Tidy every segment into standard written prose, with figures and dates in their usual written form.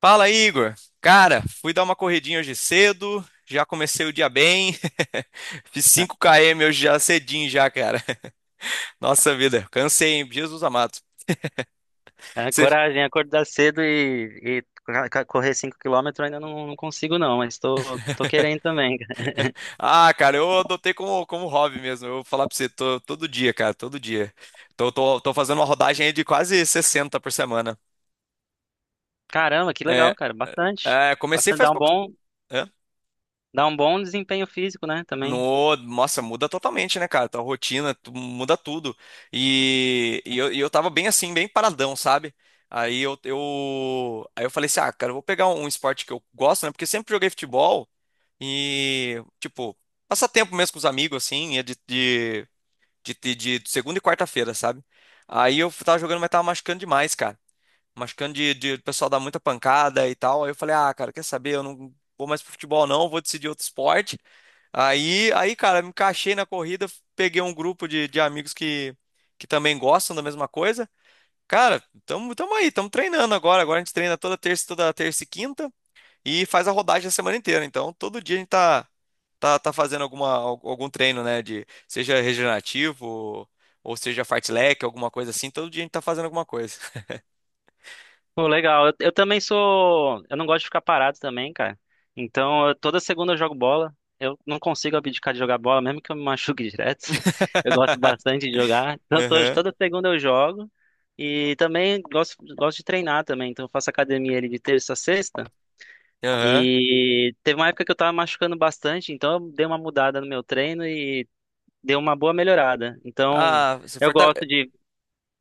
Fala, Igor. Cara, fui dar uma corridinha hoje cedo, já comecei o dia bem. Fiz cinco km hoje já cedinho já, cara. Nossa vida, cansei, hein? Jesus amado. É, Você- coragem, acordar cedo e correr 5 quilômetros ainda não consigo não, mas tô querendo também. Ah, cara, eu adotei como hobby mesmo. Eu vou falar pra você, todo dia, cara, todo dia. Tô fazendo uma rodagem aí de quase 60 por semana. Caramba, que É, legal, cara, bastante. Comecei Bastante, faz pouco. Dá um bom desempenho físico, né, também. No, Nossa, muda totalmente, né, cara? Tua rotina, muda tudo. E eu tava bem assim, bem paradão, sabe? Aí eu falei assim, ah, cara, eu vou pegar um esporte que eu gosto, né? Porque eu sempre joguei futebol e, tipo, passar tempo mesmo com os amigos, assim, e de segunda e quarta-feira, sabe? Aí eu tava jogando, mas tava machucando demais, cara. Machucando de o pessoal dar muita pancada e tal. Aí eu falei, ah, cara, quer saber? Eu não vou mais pro futebol, não, vou decidir outro esporte. Aí, cara, me encaixei na corrida, peguei um grupo de amigos que também gostam da mesma coisa. Cara, tamo aí, tamo treinando agora. Agora a gente treina toda terça e quinta e faz a rodagem a semana inteira. Então, todo dia a gente tá, tá fazendo algum treino, né? De, seja regenerativo ou seja fartlek, alguma coisa assim. Todo dia a gente tá fazendo alguma coisa. Pô, legal. Eu também sou, eu não gosto de ficar parado também, cara. Então, toda segunda eu jogo bola. Eu não consigo abdicar de jogar bola, mesmo que eu me machuque direto. Eu gosto bastante de jogar. Então, Aham, toda segunda eu jogo. E também gosto de treinar também. Então, eu faço academia ali de terça a sexta. aham. E teve uma época que eu tava machucando bastante, então eu dei uma mudada no meu treino e deu uma boa melhorada. Então, Ah, você eu gosto de,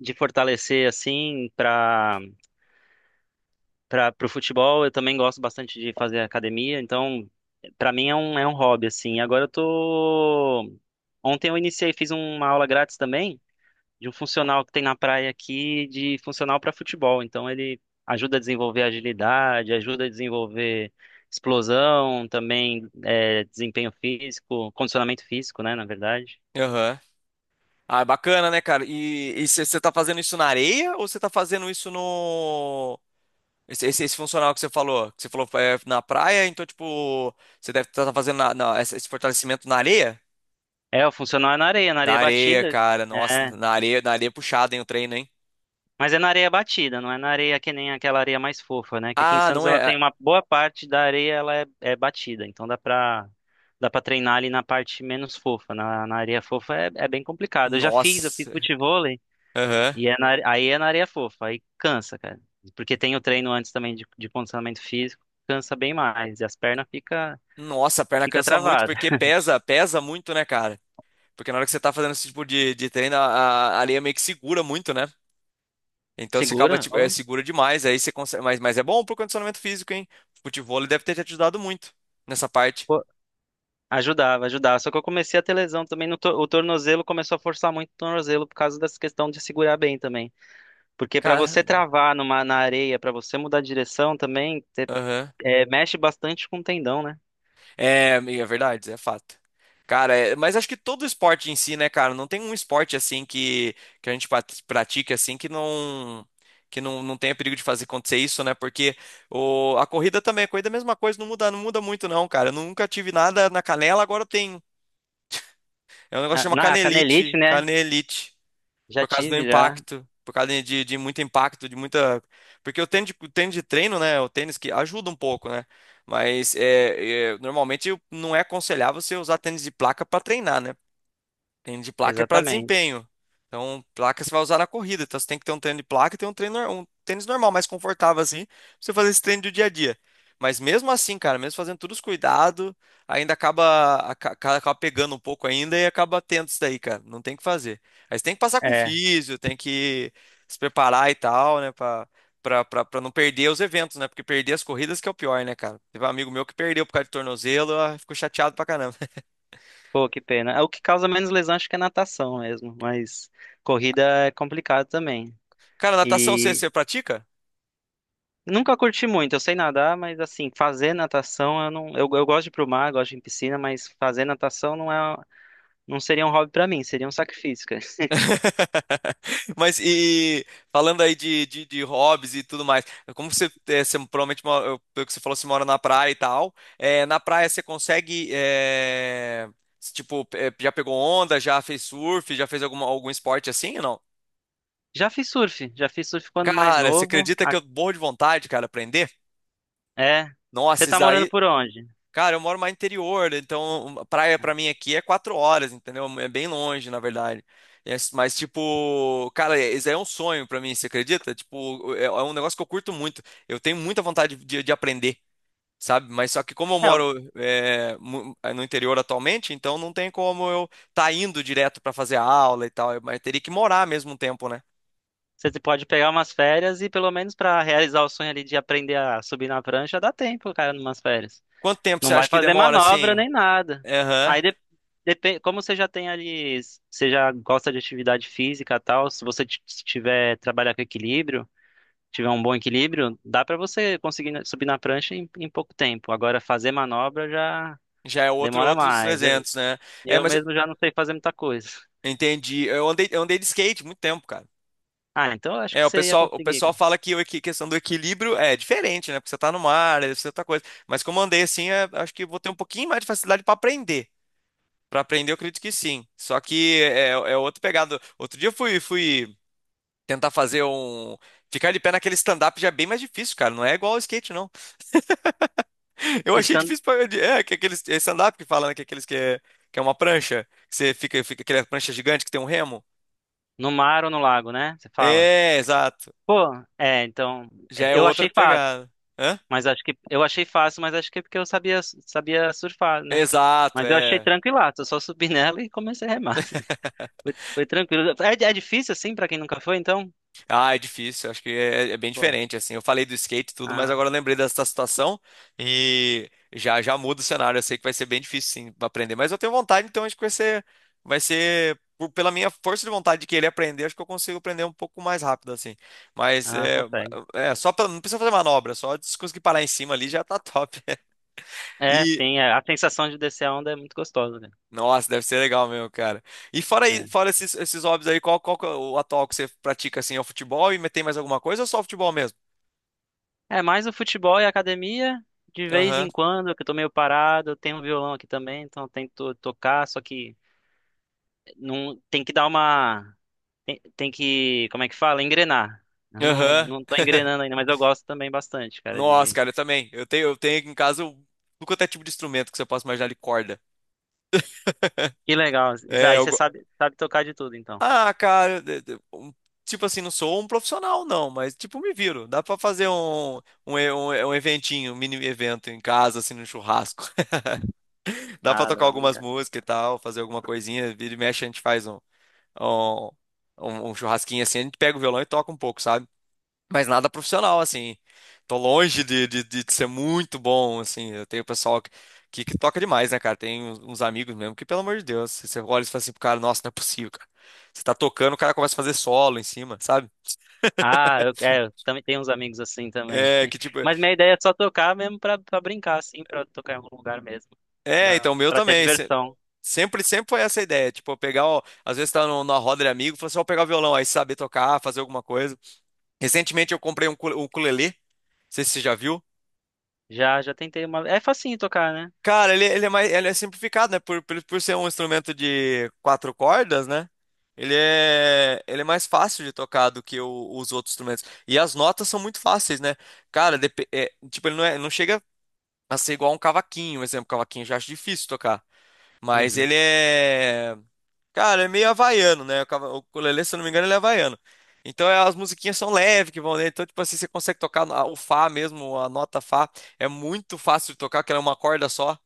de fortalecer assim para pro futebol, eu também gosto bastante de fazer academia, então pra mim é é um hobby assim. Agora eu tô. Ontem eu iniciei, fiz uma aula grátis também de um funcional que tem na praia aqui, de funcional para futebol. Então ele ajuda a desenvolver agilidade, ajuda a desenvolver explosão, também é, desempenho físico, condicionamento físico, né, na verdade. fortalece. Ah, é bacana, né, cara? E você tá fazendo isso na areia ou você tá fazendo isso no? Esse funcional que você falou? Que você falou é, na praia, então, tipo, você deve estar fazendo esse fortalecimento na areia? É, o funcional é na Na areia areia, batida. cara. Nossa, É, na areia é puxado, hein, o treino, hein? mas é na areia batida, não é na areia que nem aquela areia mais fofa, né? Que aqui em Ah, Santos não ela é. É. tem uma boa parte da areia ela é, é batida, então dá para treinar ali na parte menos fofa. Na areia fofa é, é bem complicado. Eu fiz Nossa. futebol. Aham. E é na, aí é na areia fofa, aí cansa, cara. Porque tem o treino antes também de condicionamento físico, cansa bem mais, e as pernas Nossa, a perna fica cansa muito travada. porque pesa, pesa muito, né, cara? Porque na hora que você tá fazendo esse tipo de treino, a areia meio que segura muito, né? Então você acaba, Segura, tipo, é ó. segura demais, aí você consegue. Mas é bom pro condicionamento físico, hein? Futevôlei deve ter te ajudado muito nessa parte. Pô. Ajudava, ajudava. Só que eu comecei a ter lesão também no o tornozelo, começou a forçar muito o tornozelo por causa dessa questão de segurar bem também. Porque pra você Caramba. travar na areia, pra você mudar de direção também, Aham. é, mexe bastante com o tendão, né? É, é verdade, é fato. Cara, é, mas acho que todo esporte em si, né, cara? Não tem um esporte assim que a gente pratique assim que não. Que não tenha perigo de fazer acontecer isso, né? Porque a corrida também, a corrida é a mesma coisa, não muda, não muda muito, não, cara. Eu nunca tive nada na canela, agora eu tenho. É um negócio que A, chama na a canelite, canelite. né? Canelite. Já Por causa do tive, já. impacto, por causa de muito impacto, de muita. Porque o tênis de treino, né? O tênis que ajuda um pouco, né? Mas é, é, normalmente não é aconselhável você usar tênis de placa para treinar, né? Treino de placa é para Exatamente. desempenho. Então, placa você vai usar na corrida. Então, você tem que ter um treino de placa e ter um treino, um tênis normal, mais confortável assim, pra você fazer esse treino do dia a dia. Mas mesmo assim, cara, mesmo fazendo todos os cuidados, ainda acaba pegando um pouco ainda e acaba tendo isso daí, cara. Não tem o que fazer. Aí você tem que passar com É. físio, tem que se preparar e tal, né, pra não perder os eventos, né? Porque perder as corridas que é o pior, né, cara? Teve um amigo meu que perdeu por causa de tornozelo, ah, ficou chateado pra caramba. Pô, que pena. É. O que causa menos lesão acho que é natação mesmo, mas corrida é complicado também. Cara, natação você, E você pratica? nunca curti muito, eu sei nadar, mas assim, fazer natação eu não, eu gosto de ir pro mar, gosto de ir em piscina, mas fazer natação não é, não seria um hobby pra mim, seria um sacrifício, cara. Mas e falando aí de, de hobbies e tudo mais, como você, é, você provavelmente, pelo que você falou, você mora na praia e tal, é, na praia você consegue, é, tipo, é, já pegou onda, já fez surf, já fez alguma, algum esporte assim ou não? Já fiz surf quando mais Cara, você novo. acredita que eu morro de vontade, cara, aprender? É. Você Nossa, isso tá morando daí. por onde? Cara, eu moro mais interior, então praia pra mim aqui é 4 horas, entendeu? É bem longe, na verdade. É. Mas, tipo, cara, é, isso aí é um sonho pra mim, você acredita? Tipo, é é um negócio que eu curto muito. Eu tenho muita vontade de aprender, sabe? Mas só que como eu É, moro é, é no interior atualmente, então não tem como eu tá indo direto pra fazer aula e tal. Mas teria que morar mesmo um tempo, né? você pode pegar umas férias e pelo menos pra realizar o sonho ali de aprender a subir na prancha, dá tempo, cara, numas férias. Quanto tempo você Não vai acha que fazer demora, manobra assim? nem nada. Aham. Aí de, como você já tem ali, você já gosta de atividade física e tal, se se tiver trabalhar com equilíbrio, tiver um bom equilíbrio, dá pra você conseguir subir na prancha em, em pouco tempo. Agora fazer manobra já Já é outro, demora outros mais. Eu, 300, né? É, eu mas mesmo já não sei fazer muita coisa. entendi. Eu andei de skate muito tempo, cara. Ah, então eu acho É, que você ia o conseguir, pessoal cara. fala que a questão do equilíbrio é diferente, né? Porque você tá no mar, é outra coisa. Mas como eu andei assim, é, acho que vou ter um pouquinho mais de facilidade para aprender. Para aprender, eu acredito que sim. Só que é, é outro pegado. Outro dia eu fui tentar fazer um. Ficar de pé naquele stand-up já é bem mais difícil, cara. Não é igual ao skate, não. Eu achei Estando difícil pra. É, que aqueles é stand-up que fala, né? Que aqueles que é uma prancha. Que você fica, fica aquela prancha gigante que tem um remo. no mar ou no lago, né? Você fala. É, exato. Pô, é, então, é, Já é eu outra achei fácil, pegada. Hã? mas acho que eu achei fácil, mas acho que é porque eu sabia surfar, né? Exato, Mas eu achei é. tranquilaço, eu só subi nela e comecei a remar. Foi tranquilo. É, é difícil assim pra quem nunca foi, então? Ah, é difícil, acho que é bem Pô, diferente, assim. Eu falei do skate e tudo, mas ah, agora eu lembrei dessa situação e já já muda o cenário. Eu sei que vai ser bem difícil, sim, pra aprender, mas eu tenho vontade, então acho que vai ser pela minha força de vontade de querer aprender, acho que eu consigo aprender um pouco mais rápido, assim. Mas ah, é, consegue. é só pra, não precisa fazer manobra, só de conseguir parar em cima ali já tá top. É, e sim, é, a sensação de descer a onda é muito gostosa, né? Nossa, deve ser legal mesmo, cara. E fora, aí, fora esses, esses hobbies aí, qual, qual que é o atual que você pratica assim? É o futebol e tem mais alguma coisa ou só o futebol mesmo? Mais o futebol e a academia, de vez Aham. em quando, que eu tô meio parado, eu tenho um violão aqui também, então eu tento tocar, só que não, tem que dar uma, tem, tem que, como é que fala? Engrenar. Eu Não, Aham. não tô engrenando ainda, mas eu gosto também bastante, cara, Nossa, de... cara, eu também. Eu tenho aqui em casa o, tudo quanto é tipo de instrumento que você possa imaginar de corda. Que legal. É, Aí eu... você sabe, sabe tocar de tudo, então. Ah, cara, tipo assim, não sou um profissional, não, mas tipo, me viro. Dá pra fazer um eventinho, um mini evento em casa, assim, no churrasco. Dá pra Ah, tocar não, algumas brincadeira. músicas e tal, fazer alguma coisinha, vira e mexe, a gente faz um, um churrasquinho assim, a gente pega o violão e toca um pouco, sabe? Mas nada profissional, assim. Tô longe de ser muito bom, assim. Eu tenho pessoal que, que toca demais, né, cara? Tem uns amigos mesmo que, pelo amor de Deus, você olha e fala assim pro cara, nossa, não é possível, cara. Você tá tocando, o cara começa a fazer solo em cima, sabe? Eu também tenho uns amigos assim também. É, que tipo. Mas minha ideia é só tocar mesmo pra brincar, assim, pra tocar em algum lugar mesmo. É, Já, então, o meu pra ter a também. Diversão. Sempre, sempre foi essa ideia, tipo, eu pegar, ó, às vezes tá numa roda de amigo, falou assim, ó, pegar o violão, aí saber tocar, fazer alguma coisa. Recentemente eu comprei um ukulele, não sei se você já viu. Já, já tentei uma. É facinho tocar, né? Cara, ele é mais, ele é simplificado, né? Por ser um instrumento de 4 cordas, né? Ele é mais fácil de tocar do que os outros instrumentos. E as notas são muito fáceis, né? Cara, é, tipo, ele não, é, não chega a ser igual a um cavaquinho, por exemplo. Cavaquinho eu já acho difícil tocar. Mas ele Uhum. é. Cara, é meio havaiano, né? O o ukulele, se eu não me engano, ele é havaiano. Então é, as musiquinhas são leves que vão dentro. Então, tipo assim, você consegue tocar o Fá mesmo, a nota Fá. É muito fácil de tocar, que ela é uma corda só.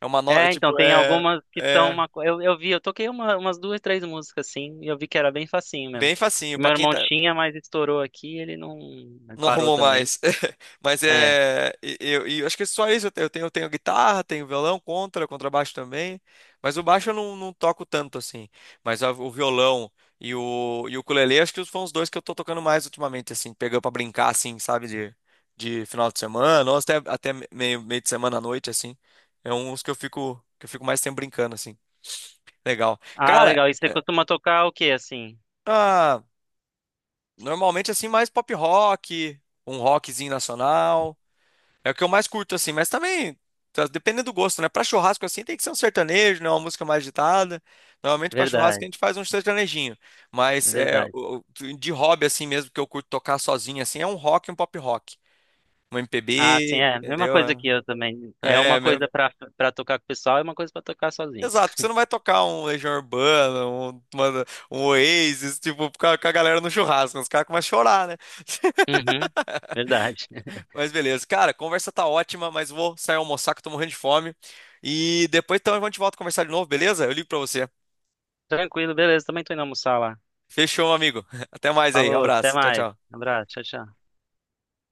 É uma nota, é É, tipo, então, tem é, algumas que são é uma. Eu vi, eu toquei umas 2, 3 músicas assim, e eu vi que era bem facinho mesmo. bem facinho E pra meu quem irmão tá, tinha, mas estourou aqui, ele não. ele não parou arrumou também. mais. Mas É. é, e eu acho que é só isso eu tenho, guitarra, tenho violão, contrabaixo também, mas o baixo eu não, não toco tanto assim. Mas o violão e o ukulele acho que foram os dois que eu tô tocando mais ultimamente assim, pegando pra brincar assim, sabe, de final de semana, ou até meio de semana à noite assim. É uns que eu fico mais tempo brincando assim. Legal. Ah, Cara, legal. E você é, costuma tocar o quê, assim? ah, normalmente, assim, mais pop rock, um rockzinho nacional. É o que eu mais curto, assim, mas também, tá, dependendo do gosto, né? Pra churrasco, assim, tem que ser um sertanejo, né? Uma música mais agitada. Normalmente, pra churrasco, a Verdade, gente faz um sertanejinho. Mas é, verdade. De hobby, assim mesmo, que eu curto tocar sozinho, assim, é um rock e um pop rock. Um Ah, sim, MPB, é. Mesma coisa entendeu? que eu também. É É, uma é meu. coisa pra tocar com o pessoal e uma coisa pra tocar sozinho. Exato, porque você não vai tocar um Legião Urbana, um Oasis, tipo, com a galera no churrasco, né? Os caras começam a chorar, né? Uhum, verdade. Mas beleza. Cara, a conversa tá ótima, mas vou sair almoçar que eu tô morrendo de fome. E depois então a gente volta a conversar de novo, beleza? Eu ligo pra você. Tranquilo, beleza. Também tô indo almoçar lá. Fechou, meu amigo. Até mais aí. Falou, até Abraço. Tchau, mais. tchau. Abraço, tchau, tchau.